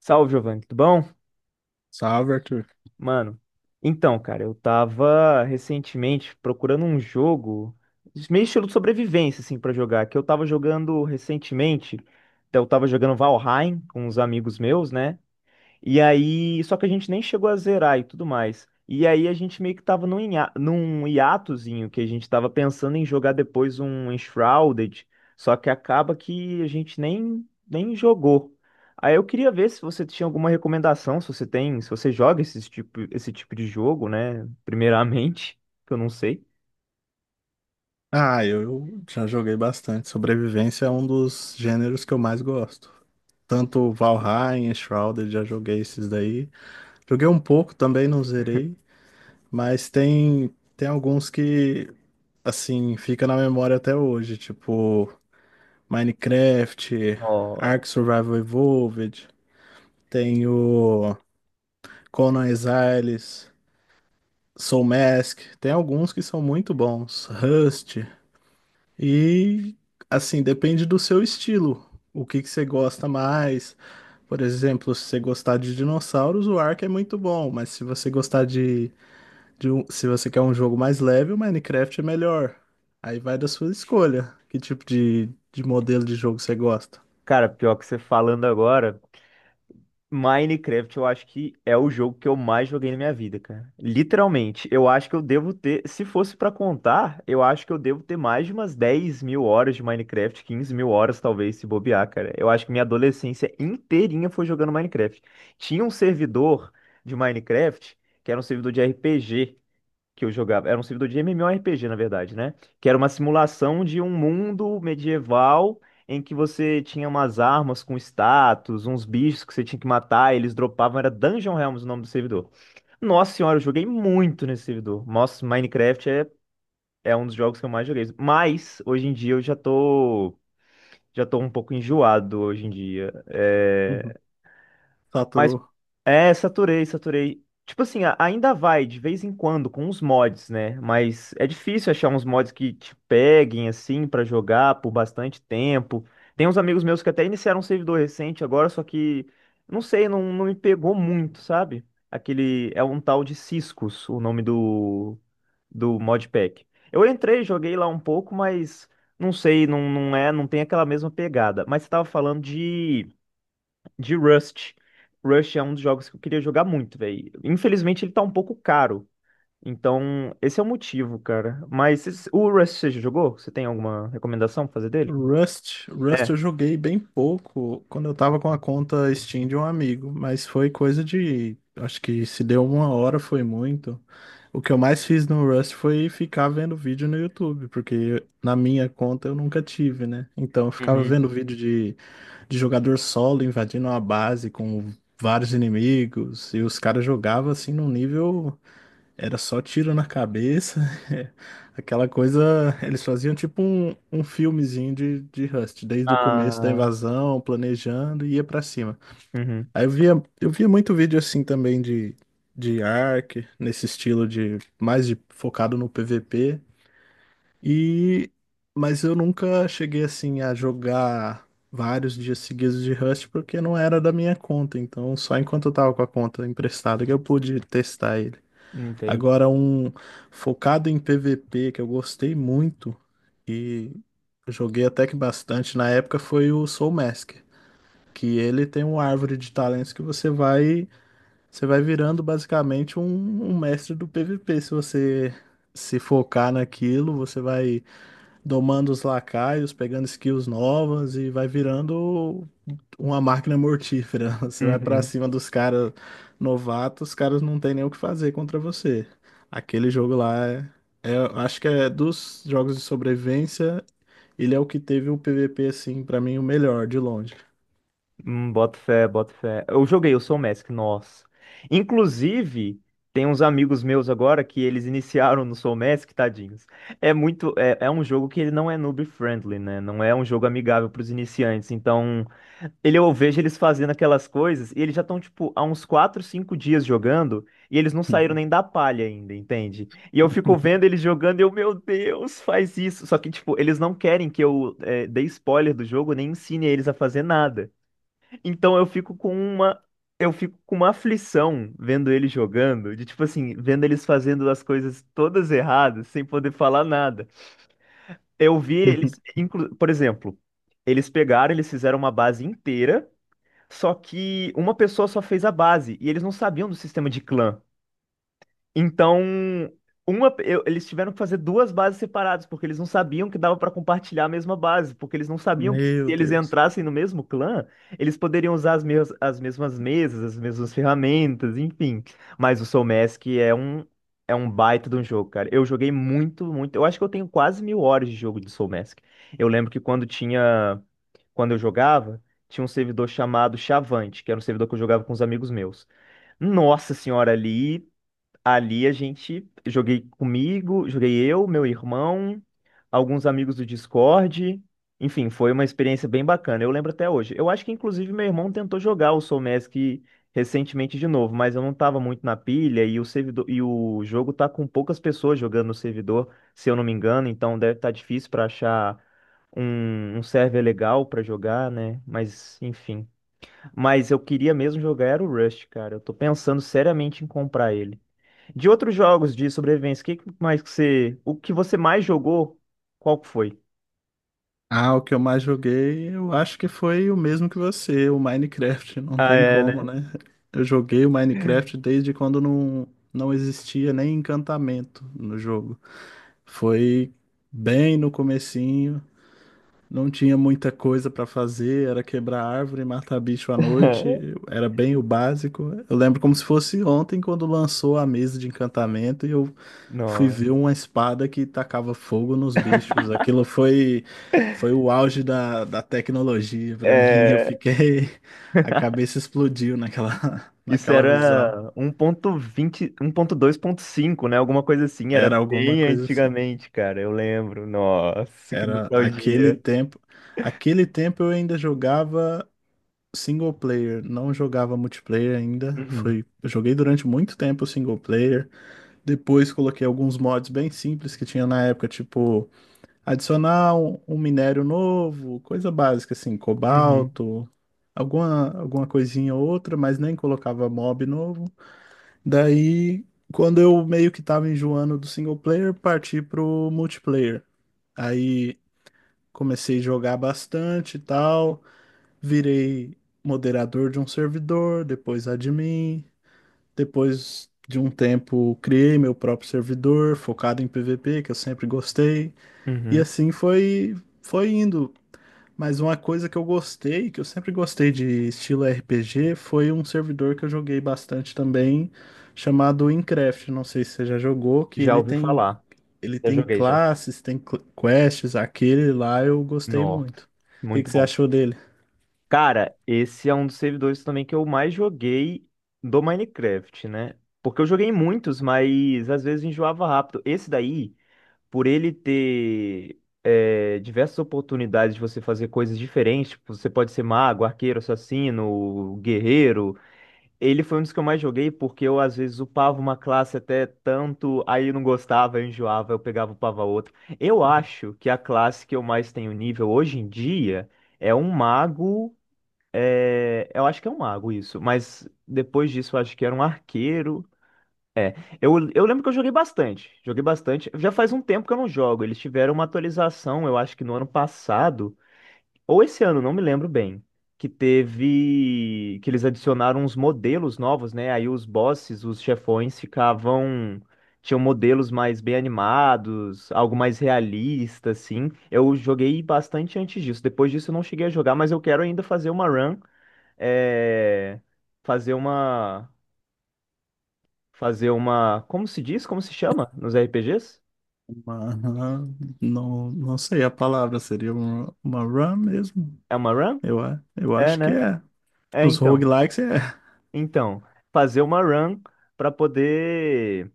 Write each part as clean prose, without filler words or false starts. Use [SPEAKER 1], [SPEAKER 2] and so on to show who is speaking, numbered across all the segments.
[SPEAKER 1] Salve, Giovanni, tudo bom?
[SPEAKER 2] Salve, Arthur.
[SPEAKER 1] Mano, então, cara, eu tava recentemente procurando um jogo, meio estilo de sobrevivência, assim, pra jogar, que eu tava jogando recentemente. Então, eu tava jogando Valheim com uns amigos meus, né? E aí, só que a gente nem chegou a zerar e tudo mais. E aí a gente meio que tava num hiatozinho que a gente tava pensando em jogar depois um Shrouded, só que acaba que a gente nem jogou. Aí eu queria ver se você tinha alguma recomendação, se você tem, se você joga esse tipo de jogo, né? Primeiramente, que eu não sei.
[SPEAKER 2] Ah, eu já joguei bastante. Sobrevivência é um dos gêneros que eu mais gosto. Tanto Valheim, Shrouded, já joguei esses daí. Joguei um pouco também, não zerei, mas tem alguns que assim, fica na memória até hoje, tipo Minecraft,
[SPEAKER 1] Ó,
[SPEAKER 2] Ark Survival Evolved, tem o Conan Exiles, Soul Mask, tem alguns que são muito bons. Rust. E assim, depende do seu estilo. O que que você gosta mais? Por exemplo, se você gostar de dinossauros, o Ark é muito bom, mas se você gostar de se você quer um jogo mais leve, o Minecraft é melhor. Aí vai da sua escolha. Que tipo de modelo de jogo você gosta?
[SPEAKER 1] cara, pior que você falando agora. Minecraft, eu acho que é o jogo que eu mais joguei na minha vida, cara. Literalmente, eu acho que eu devo ter, se fosse pra contar, eu acho que eu devo ter mais de umas 10.000 horas de Minecraft, 15.000 horas talvez, se bobear, cara. Eu acho que minha adolescência inteirinha foi jogando Minecraft. Tinha um servidor de Minecraft, que era um servidor de RPG, que eu jogava. Era um servidor de MMORPG, na verdade, né? Que era uma simulação de um mundo medieval em que você tinha umas armas com status, uns bichos que você tinha que matar, eles dropavam. Era Dungeon Realms o nome do servidor. Nossa senhora, eu joguei muito nesse servidor. Nossa, Minecraft é um dos jogos que eu mais joguei. Mas, hoje em dia, eu já tô. Já tô um pouco enjoado hoje em dia.
[SPEAKER 2] Uhum.
[SPEAKER 1] É, mas
[SPEAKER 2] Saturou.
[SPEAKER 1] é, saturei, saturei. Tipo assim, ainda vai de vez em quando com os mods, né? Mas é difícil achar uns mods que te peguem assim pra jogar por bastante tempo. Tem uns amigos meus que até iniciaram um servidor recente agora, só que não sei, não, não me pegou muito, sabe? Aquele é um tal de Ciscos, o nome do modpack. Eu entrei, joguei lá um pouco, mas não sei, não, não é, não tem aquela mesma pegada. Mas você tava falando de Rust. Rust é um dos jogos que eu queria jogar muito, velho. Infelizmente ele tá um pouco caro. Então, esse é o motivo, cara. Mas o Rust você já jogou? Você tem alguma recomendação pra fazer dele?
[SPEAKER 2] Rust eu
[SPEAKER 1] É.
[SPEAKER 2] joguei bem pouco quando eu tava com a conta Steam de um amigo, mas foi coisa de, acho que se deu uma hora foi muito. O que eu mais fiz no Rust foi ficar vendo vídeo no YouTube, porque na minha conta eu nunca tive, né? Então eu ficava
[SPEAKER 1] Uhum.
[SPEAKER 2] vendo vídeo de jogador solo invadindo uma base com vários inimigos, e os caras jogavam assim num nível era só tiro na cabeça, é, aquela coisa. Eles faziam tipo um filmezinho de Rust, desde o começo da
[SPEAKER 1] Ah,
[SPEAKER 2] invasão, planejando e ia pra cima.
[SPEAKER 1] uhum.
[SPEAKER 2] Aí eu via muito vídeo assim também de Ark, nesse estilo de mais de, focado no PVP. E mas eu nunca cheguei assim a jogar vários dias seguidos de Rust porque não era da minha conta. Então só enquanto eu tava com a conta emprestada que eu pude testar ele.
[SPEAKER 1] Entendi.
[SPEAKER 2] Agora, um focado em PVP que eu gostei muito e joguei até que bastante na época foi o Soul Mask, que ele tem uma árvore de talentos que você vai virando basicamente um mestre do PVP. Se você se focar naquilo, você vai domando os lacaios, pegando skills novas e vai virando uma máquina mortífera. Você vai pra
[SPEAKER 1] Uhum.
[SPEAKER 2] cima dos caras novatos, os caras não tem nem o que fazer contra você. Aquele jogo lá é, acho que é dos jogos de sobrevivência, ele é o que teve o PVP assim, pra mim o melhor de longe.
[SPEAKER 1] Boto fé, boto fé. Eu joguei, eu sou o Mask, nossa. Inclusive, tem uns amigos meus agora que eles iniciaram no Soul Mask, tadinhos. É muito, é um jogo que ele não é noob friendly, né? Não é um jogo amigável para os iniciantes. Então, eu vejo eles fazendo aquelas coisas e eles já estão, tipo, há uns 4, 5 dias jogando e eles não saíram nem da palha ainda, entende? E eu fico vendo eles jogando e eu, meu Deus, faz isso. Só que, tipo, eles não querem que eu dê spoiler do jogo nem ensine eles a fazer nada. Então, eu fico com uma. Eu fico com uma aflição vendo eles jogando, de tipo assim, vendo eles fazendo as coisas todas erradas, sem poder falar nada. Eu vi eles, por exemplo, eles pegaram, eles fizeram uma base inteira. Só que uma pessoa só fez a base e eles não sabiam do sistema de clã. Então, eles tiveram que fazer duas bases separadas, porque eles não sabiam que dava pra compartilhar a mesma base, porque eles não sabiam que se
[SPEAKER 2] Meu
[SPEAKER 1] eles
[SPEAKER 2] Deus.
[SPEAKER 1] entrassem no mesmo clã, eles poderiam usar as, as mesmas mesas, as mesmas ferramentas, enfim. Mas o Soul Mask é um baita de um jogo, cara. Eu joguei muito, muito. Eu acho que eu tenho quase mil horas de jogo de Soul Mask. Eu lembro que quando eu jogava, tinha um servidor chamado Chavante, que era um servidor que eu jogava com os amigos meus. Nossa senhora, ali a gente joguei comigo, joguei eu, meu irmão, alguns amigos do Discord. Enfim, foi uma experiência bem bacana. Eu lembro até hoje. Eu acho que inclusive meu irmão tentou jogar o Soul Mask recentemente de novo, mas eu não estava muito na pilha e o servidor e o jogo tá com poucas pessoas jogando no servidor, se eu não me engano, então deve estar difícil para achar um server legal para jogar, né? Mas enfim. Mas eu queria mesmo jogar era o Rust, cara. Eu tô pensando seriamente em comprar ele. De outros jogos de sobrevivência, o que que mais que você, o que você mais jogou, qual que foi?
[SPEAKER 2] Ah, o que eu mais joguei, eu acho que foi o mesmo que você, o Minecraft, não
[SPEAKER 1] Ah,
[SPEAKER 2] tem
[SPEAKER 1] é,
[SPEAKER 2] como,
[SPEAKER 1] né?
[SPEAKER 2] né? Eu joguei o Minecraft desde quando não existia nem encantamento no jogo. Foi bem no comecinho, não tinha muita coisa para fazer, era quebrar árvore, matar bicho à noite, era bem o básico. Eu lembro como se fosse ontem, quando lançou a mesa de encantamento e eu fui
[SPEAKER 1] Não.
[SPEAKER 2] ver uma espada que tacava fogo nos bichos. Aquilo foi, foi o auge da, da tecnologia para mim. Eu
[SPEAKER 1] É,
[SPEAKER 2] fiquei. A cabeça explodiu naquela,
[SPEAKER 1] isso
[SPEAKER 2] naquela visão.
[SPEAKER 1] era 1.20, 1.2.5, né? Alguma coisa assim, era
[SPEAKER 2] Era alguma
[SPEAKER 1] bem
[SPEAKER 2] coisa assim.
[SPEAKER 1] antigamente, cara, eu lembro. Nossa, que
[SPEAKER 2] Era aquele
[SPEAKER 1] nostalgia.
[SPEAKER 2] tempo. Aquele tempo eu ainda jogava single player, não jogava multiplayer ainda.
[SPEAKER 1] Uhum,
[SPEAKER 2] Eu joguei durante muito tempo single player. Depois coloquei alguns mods bem simples que tinha na época, tipo adicionar um minério novo, coisa básica assim,
[SPEAKER 1] uhum,
[SPEAKER 2] cobalto, alguma coisinha ou outra, mas nem colocava mob novo. Daí, quando eu meio que tava enjoando do single player, parti pro multiplayer. Aí comecei a jogar bastante e tal, virei moderador de um servidor, depois admin, depois de um tempo criei meu próprio servidor focado em PVP, que eu sempre gostei, e
[SPEAKER 1] uhum.
[SPEAKER 2] assim foi indo. Mas uma coisa que eu gostei, que eu sempre gostei de estilo RPG, foi um servidor que eu joguei bastante também, chamado InCraft. Não sei se você já jogou, que
[SPEAKER 1] Já
[SPEAKER 2] ele
[SPEAKER 1] ouvi
[SPEAKER 2] tem
[SPEAKER 1] falar,
[SPEAKER 2] ele
[SPEAKER 1] já
[SPEAKER 2] tem
[SPEAKER 1] joguei já.
[SPEAKER 2] classes, tem quests, aquele lá eu gostei
[SPEAKER 1] Nossa,
[SPEAKER 2] muito. O que
[SPEAKER 1] muito
[SPEAKER 2] que você
[SPEAKER 1] bom.
[SPEAKER 2] achou dele?
[SPEAKER 1] Cara, esse é um dos servidores também que eu mais joguei do Minecraft, né? Porque eu joguei muitos, mas às vezes enjoava rápido. Esse daí, por ele ter diversas oportunidades de você fazer coisas diferentes, tipo, você pode ser mago, arqueiro, assassino, guerreiro. Ele foi um dos que eu mais joguei porque eu às vezes upava uma classe até tanto, aí eu não gostava, eu enjoava, eu pegava, e upava outra. Eu acho que a classe que eu mais tenho nível hoje em dia é um mago eu acho que é um mago isso, mas depois disso eu acho que era um arqueiro. Eu lembro que eu joguei bastante, joguei bastante. Já faz um tempo que eu não jogo. Eles tiveram uma atualização, eu acho que no ano passado, ou esse ano, não me lembro bem, que teve, que eles adicionaram uns modelos novos, né? Aí os bosses, os chefões ficavam, tinham modelos mais bem animados, algo mais realista, assim. Eu joguei bastante antes disso. Depois disso eu não cheguei a jogar, mas eu quero ainda fazer uma run é, fazer uma. Fazer uma. Como se diz? Como se chama nos RPGs?
[SPEAKER 2] Uma- não sei a palavra, seria uma run mesmo?
[SPEAKER 1] É uma run?
[SPEAKER 2] Eu
[SPEAKER 1] É,
[SPEAKER 2] acho que
[SPEAKER 1] né?
[SPEAKER 2] é.
[SPEAKER 1] É,
[SPEAKER 2] Os
[SPEAKER 1] então.
[SPEAKER 2] roguelikes é,
[SPEAKER 1] Então, fazer uma run para poder.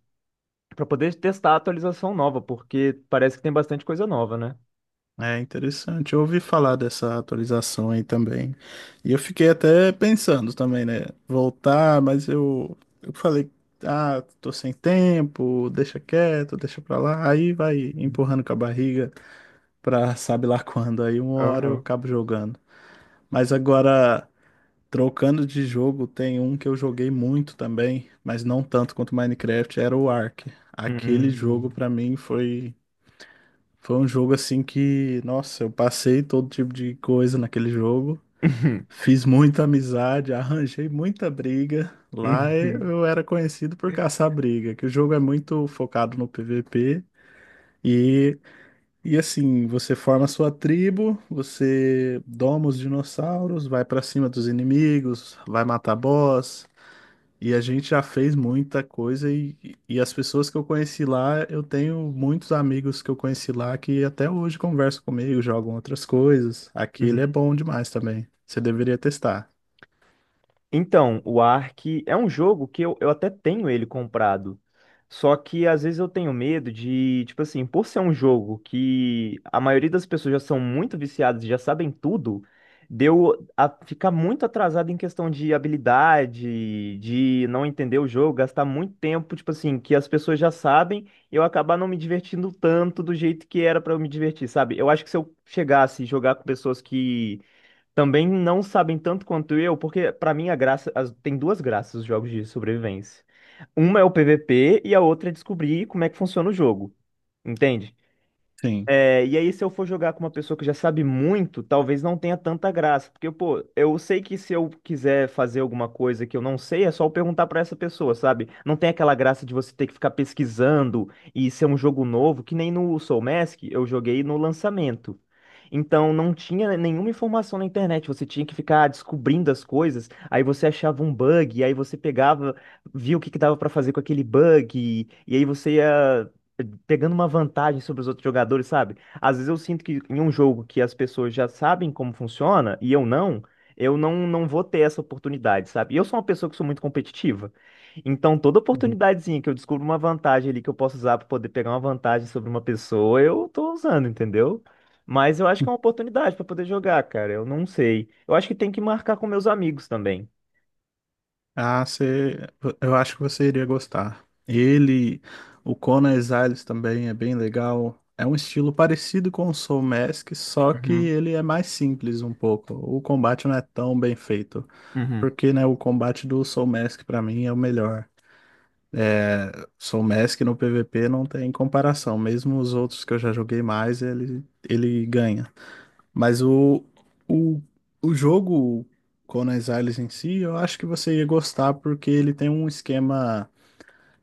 [SPEAKER 1] Para poder testar a atualização nova, porque parece que tem bastante coisa nova, né?
[SPEAKER 2] é interessante. Eu ouvi falar dessa atualização aí também. E eu fiquei até pensando também, né? Voltar, mas eu falei, ah, tô sem tempo, deixa quieto, deixa pra lá. Aí vai empurrando com a barriga pra sabe lá quando. Aí uma hora eu
[SPEAKER 1] Aham.
[SPEAKER 2] acabo jogando. Mas agora, trocando de jogo, tem um que eu joguei muito também, mas não tanto quanto Minecraft, era o Ark.
[SPEAKER 1] Uhum.
[SPEAKER 2] Aquele jogo
[SPEAKER 1] Uhum.
[SPEAKER 2] pra mim foi um jogo assim que, nossa, eu passei todo tipo de coisa naquele jogo. Fiz muita amizade, arranjei muita briga. Lá eu era conhecido por caçar briga, que o jogo é muito focado no PVP e e assim, você forma a sua tribo, você doma os dinossauros, vai pra cima dos inimigos, vai matar boss e a gente já fez muita coisa e as pessoas que eu conheci lá, eu tenho muitos amigos que eu conheci lá que até hoje conversam comigo, jogam outras coisas.
[SPEAKER 1] Uhum.
[SPEAKER 2] Aquele é bom demais também. Você deveria testar.
[SPEAKER 1] Então, o Ark é um jogo que eu até tenho ele comprado. Só que às vezes eu tenho medo de, tipo assim, por ser um jogo que a maioria das pessoas já são muito viciadas e já sabem tudo, deu a ficar muito atrasado em questão de habilidade, de não entender o jogo, gastar muito tempo, tipo assim, que as pessoas já sabem, e eu acabar não me divertindo tanto do jeito que era pra eu me divertir, sabe? Eu acho que se eu chegasse e jogar com pessoas que também não sabem tanto quanto eu, porque pra mim a graça, tem duas graças os jogos de sobrevivência. Uma é o PVP e a outra é descobrir como é que funciona o jogo, entende?
[SPEAKER 2] Sim.
[SPEAKER 1] É, e aí, se eu for jogar com uma pessoa que já sabe muito, talvez não tenha tanta graça. Porque, pô, eu sei que se eu quiser fazer alguma coisa que eu não sei, é só eu perguntar pra essa pessoa, sabe? Não tem aquela graça de você ter que ficar pesquisando e ser um jogo novo, que nem no Soul Mask eu joguei no lançamento. Então, não tinha nenhuma informação na internet, você tinha que ficar descobrindo as coisas, aí você achava um bug, aí você pegava, via o que que dava pra fazer com aquele bug, e aí você ia pegando uma vantagem sobre os outros jogadores, sabe? Às vezes eu sinto que em um jogo que as pessoas já sabem como funciona e eu não, não vou ter essa oportunidade, sabe? E eu sou uma pessoa que sou muito competitiva. Então, toda
[SPEAKER 2] Uhum.
[SPEAKER 1] oportunidadezinha que eu descubro uma vantagem ali que eu posso usar para poder pegar uma vantagem sobre uma pessoa, eu tô usando, entendeu? Mas eu acho que é uma oportunidade para poder jogar, cara. Eu não sei. Eu acho que tem que marcar com meus amigos também.
[SPEAKER 2] Ah, você, eu acho que você iria gostar. Ele, o Conan Exiles também é bem legal. É um estilo parecido com o Soul Mask, só que
[SPEAKER 1] Uhum,
[SPEAKER 2] ele é mais simples um pouco. O combate não é tão bem feito.
[SPEAKER 1] uhum.
[SPEAKER 2] Porque, né, o combate do Soul Mask pra mim é o melhor. É, Soul Mask no PVP não tem comparação. Mesmo os outros que eu já joguei mais, ele ganha. Mas o, o jogo Conan Exiles em si, eu acho que você ia gostar porque ele tem um esquema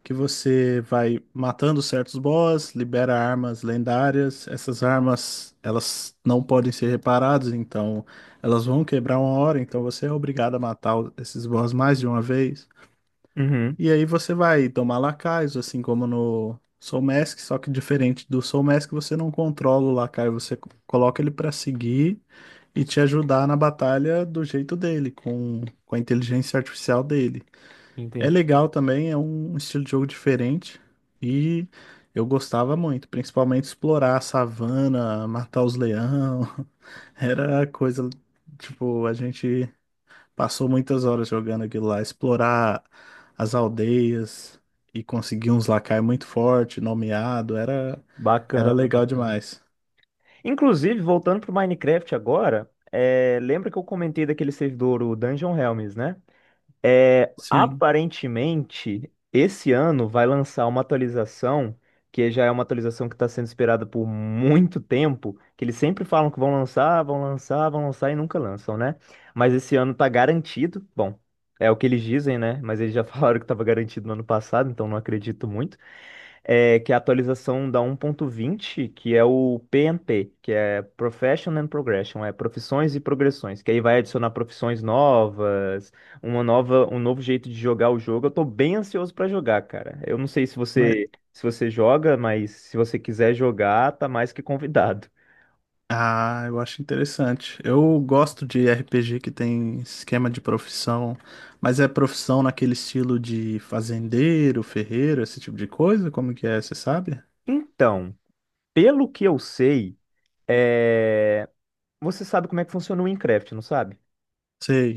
[SPEAKER 2] que você vai matando certos boss, libera armas lendárias. Essas armas, elas não podem ser reparadas, então elas vão quebrar uma hora, então você é obrigado a matar esses boss mais de uma vez.
[SPEAKER 1] Uhum.
[SPEAKER 2] E aí você vai tomar lacaios, assim como no Soul Mask, só que diferente do Soul Mask, você não controla o lacaio, você coloca ele pra seguir e te ajudar na batalha do jeito dele, com a inteligência artificial dele. É
[SPEAKER 1] Entendi.
[SPEAKER 2] legal também, é um estilo de jogo diferente e eu gostava muito, principalmente explorar a savana, matar os leão, era coisa, tipo, a gente passou muitas horas jogando aquilo lá, explorar as aldeias e conseguir uns lacai muito forte, nomeado, era
[SPEAKER 1] Bacana,
[SPEAKER 2] legal
[SPEAKER 1] bacana.
[SPEAKER 2] demais.
[SPEAKER 1] Inclusive, voltando pro Minecraft agora, lembra que eu comentei daquele servidor, o Dungeon Realms, né? É,
[SPEAKER 2] Sim,
[SPEAKER 1] aparentemente, esse ano vai lançar uma atualização, que já é uma atualização que está sendo esperada por muito tempo, que eles sempre falam que vão lançar, vão lançar, vão lançar e nunca lançam, né? Mas esse ano tá garantido, bom, é o que eles dizem, né? Mas eles já falaram que estava garantido no ano passado, então não acredito muito que é a atualização da 1.20, que é o PNP, que é Profession and Progression, é profissões e progressões, que aí vai adicionar profissões novas, um novo jeito de jogar o jogo. Eu tô bem ansioso pra jogar, cara. Eu não sei se
[SPEAKER 2] mas
[SPEAKER 1] você se você joga, mas se você quiser jogar, tá mais que convidado.
[SPEAKER 2] ah, eu acho interessante. Eu gosto de RPG que tem esquema de profissão, mas é profissão naquele estilo de fazendeiro, ferreiro, esse tipo de coisa? Como que é, você sabe?
[SPEAKER 1] Então, pelo que eu sei, é, você sabe como é que funciona o Minecraft, não sabe?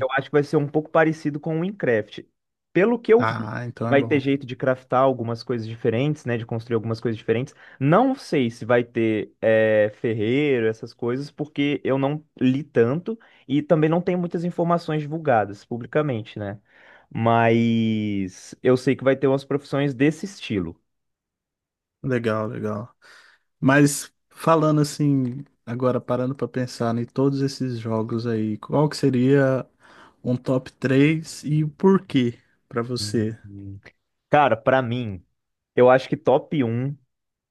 [SPEAKER 1] Eu acho que vai ser um pouco parecido com o Minecraft. Pelo que eu vi,
[SPEAKER 2] Ah, então é
[SPEAKER 1] vai ter
[SPEAKER 2] bom.
[SPEAKER 1] jeito de craftar algumas coisas diferentes, né? De construir algumas coisas diferentes. Não sei se vai ter ferreiro, essas coisas, porque eu não li tanto e também não tenho muitas informações divulgadas publicamente, né? Mas eu sei que vai ter umas profissões desse estilo.
[SPEAKER 2] Legal, legal. Mas falando assim, agora parando para pensar em todos esses jogos aí, qual que seria um top 3 e o porquê para você?
[SPEAKER 1] Uhum. Cara, pra mim, eu acho que top um,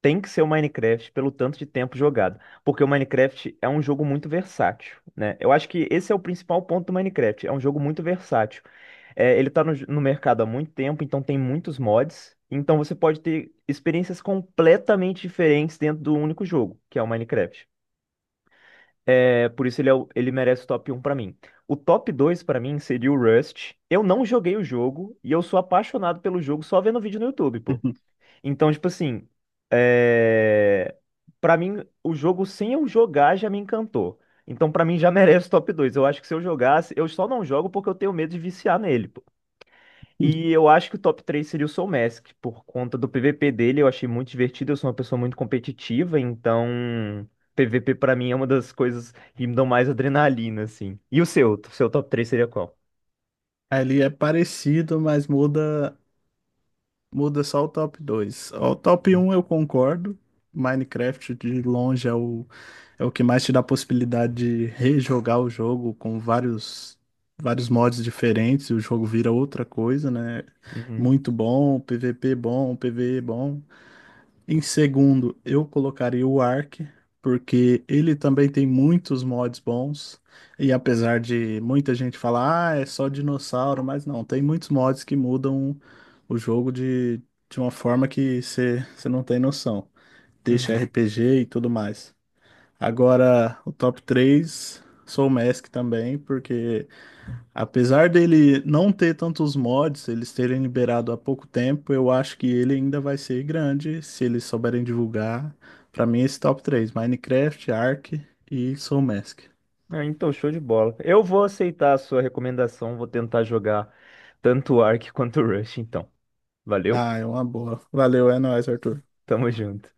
[SPEAKER 1] tem que ser o Minecraft pelo tanto de tempo jogado, porque o Minecraft é um jogo muito versátil, né? Eu acho que esse é o principal ponto do Minecraft, é um jogo muito versátil. É, ele tá no mercado há muito tempo, então tem muitos mods, então você pode ter experiências completamente diferentes dentro do único jogo, que é o Minecraft. É, por isso ele, ele merece o top um pra mim. O top 2 pra mim seria o Rust. Eu não joguei o jogo e eu sou apaixonado pelo jogo só vendo vídeo no YouTube, pô. Então, tipo assim, é... para mim, o jogo sem eu jogar já me encantou. Então, pra mim, já merece top dois. Eu acho que se eu jogasse, eu só não jogo porque eu tenho medo de viciar nele, pô. E eu acho que o top 3 seria o Soul Mask, por conta do PVP dele, eu achei muito divertido. Eu sou uma pessoa muito competitiva, então PVP pra mim é uma das coisas que me dão mais adrenalina, assim. E o seu? O seu top três seria qual?
[SPEAKER 2] Ali é parecido, mas muda só o top dois. O top um eu concordo. Minecraft de longe é o que mais te dá a possibilidade de rejogar o jogo com vários, vários mods diferentes, e o jogo vira outra coisa, né?
[SPEAKER 1] Uhum,
[SPEAKER 2] Muito bom, PVP bom, PvE bom. Em segundo, eu colocaria o Ark, porque ele também tem muitos mods bons. E apesar de muita gente falar, ah, é só dinossauro, mas não, tem muitos mods que mudam o jogo de uma forma que você não tem noção. Deixa
[SPEAKER 1] uhum.
[SPEAKER 2] RPG e tudo mais. Agora, o top 3 sou o Mask também, porque apesar dele não ter tantos mods, eles terem liberado há pouco tempo, eu acho que ele ainda vai ser grande se eles souberem divulgar. Pra mim, esse top 3 Minecraft, Ark e Soul Mask.
[SPEAKER 1] Ah, então, show de bola. Eu vou aceitar a sua recomendação, vou tentar jogar tanto o Ark quanto o Rush, então. Valeu,
[SPEAKER 2] Ah, é uma boa. Valeu, é nóis, Arthur.
[SPEAKER 1] tamo junto.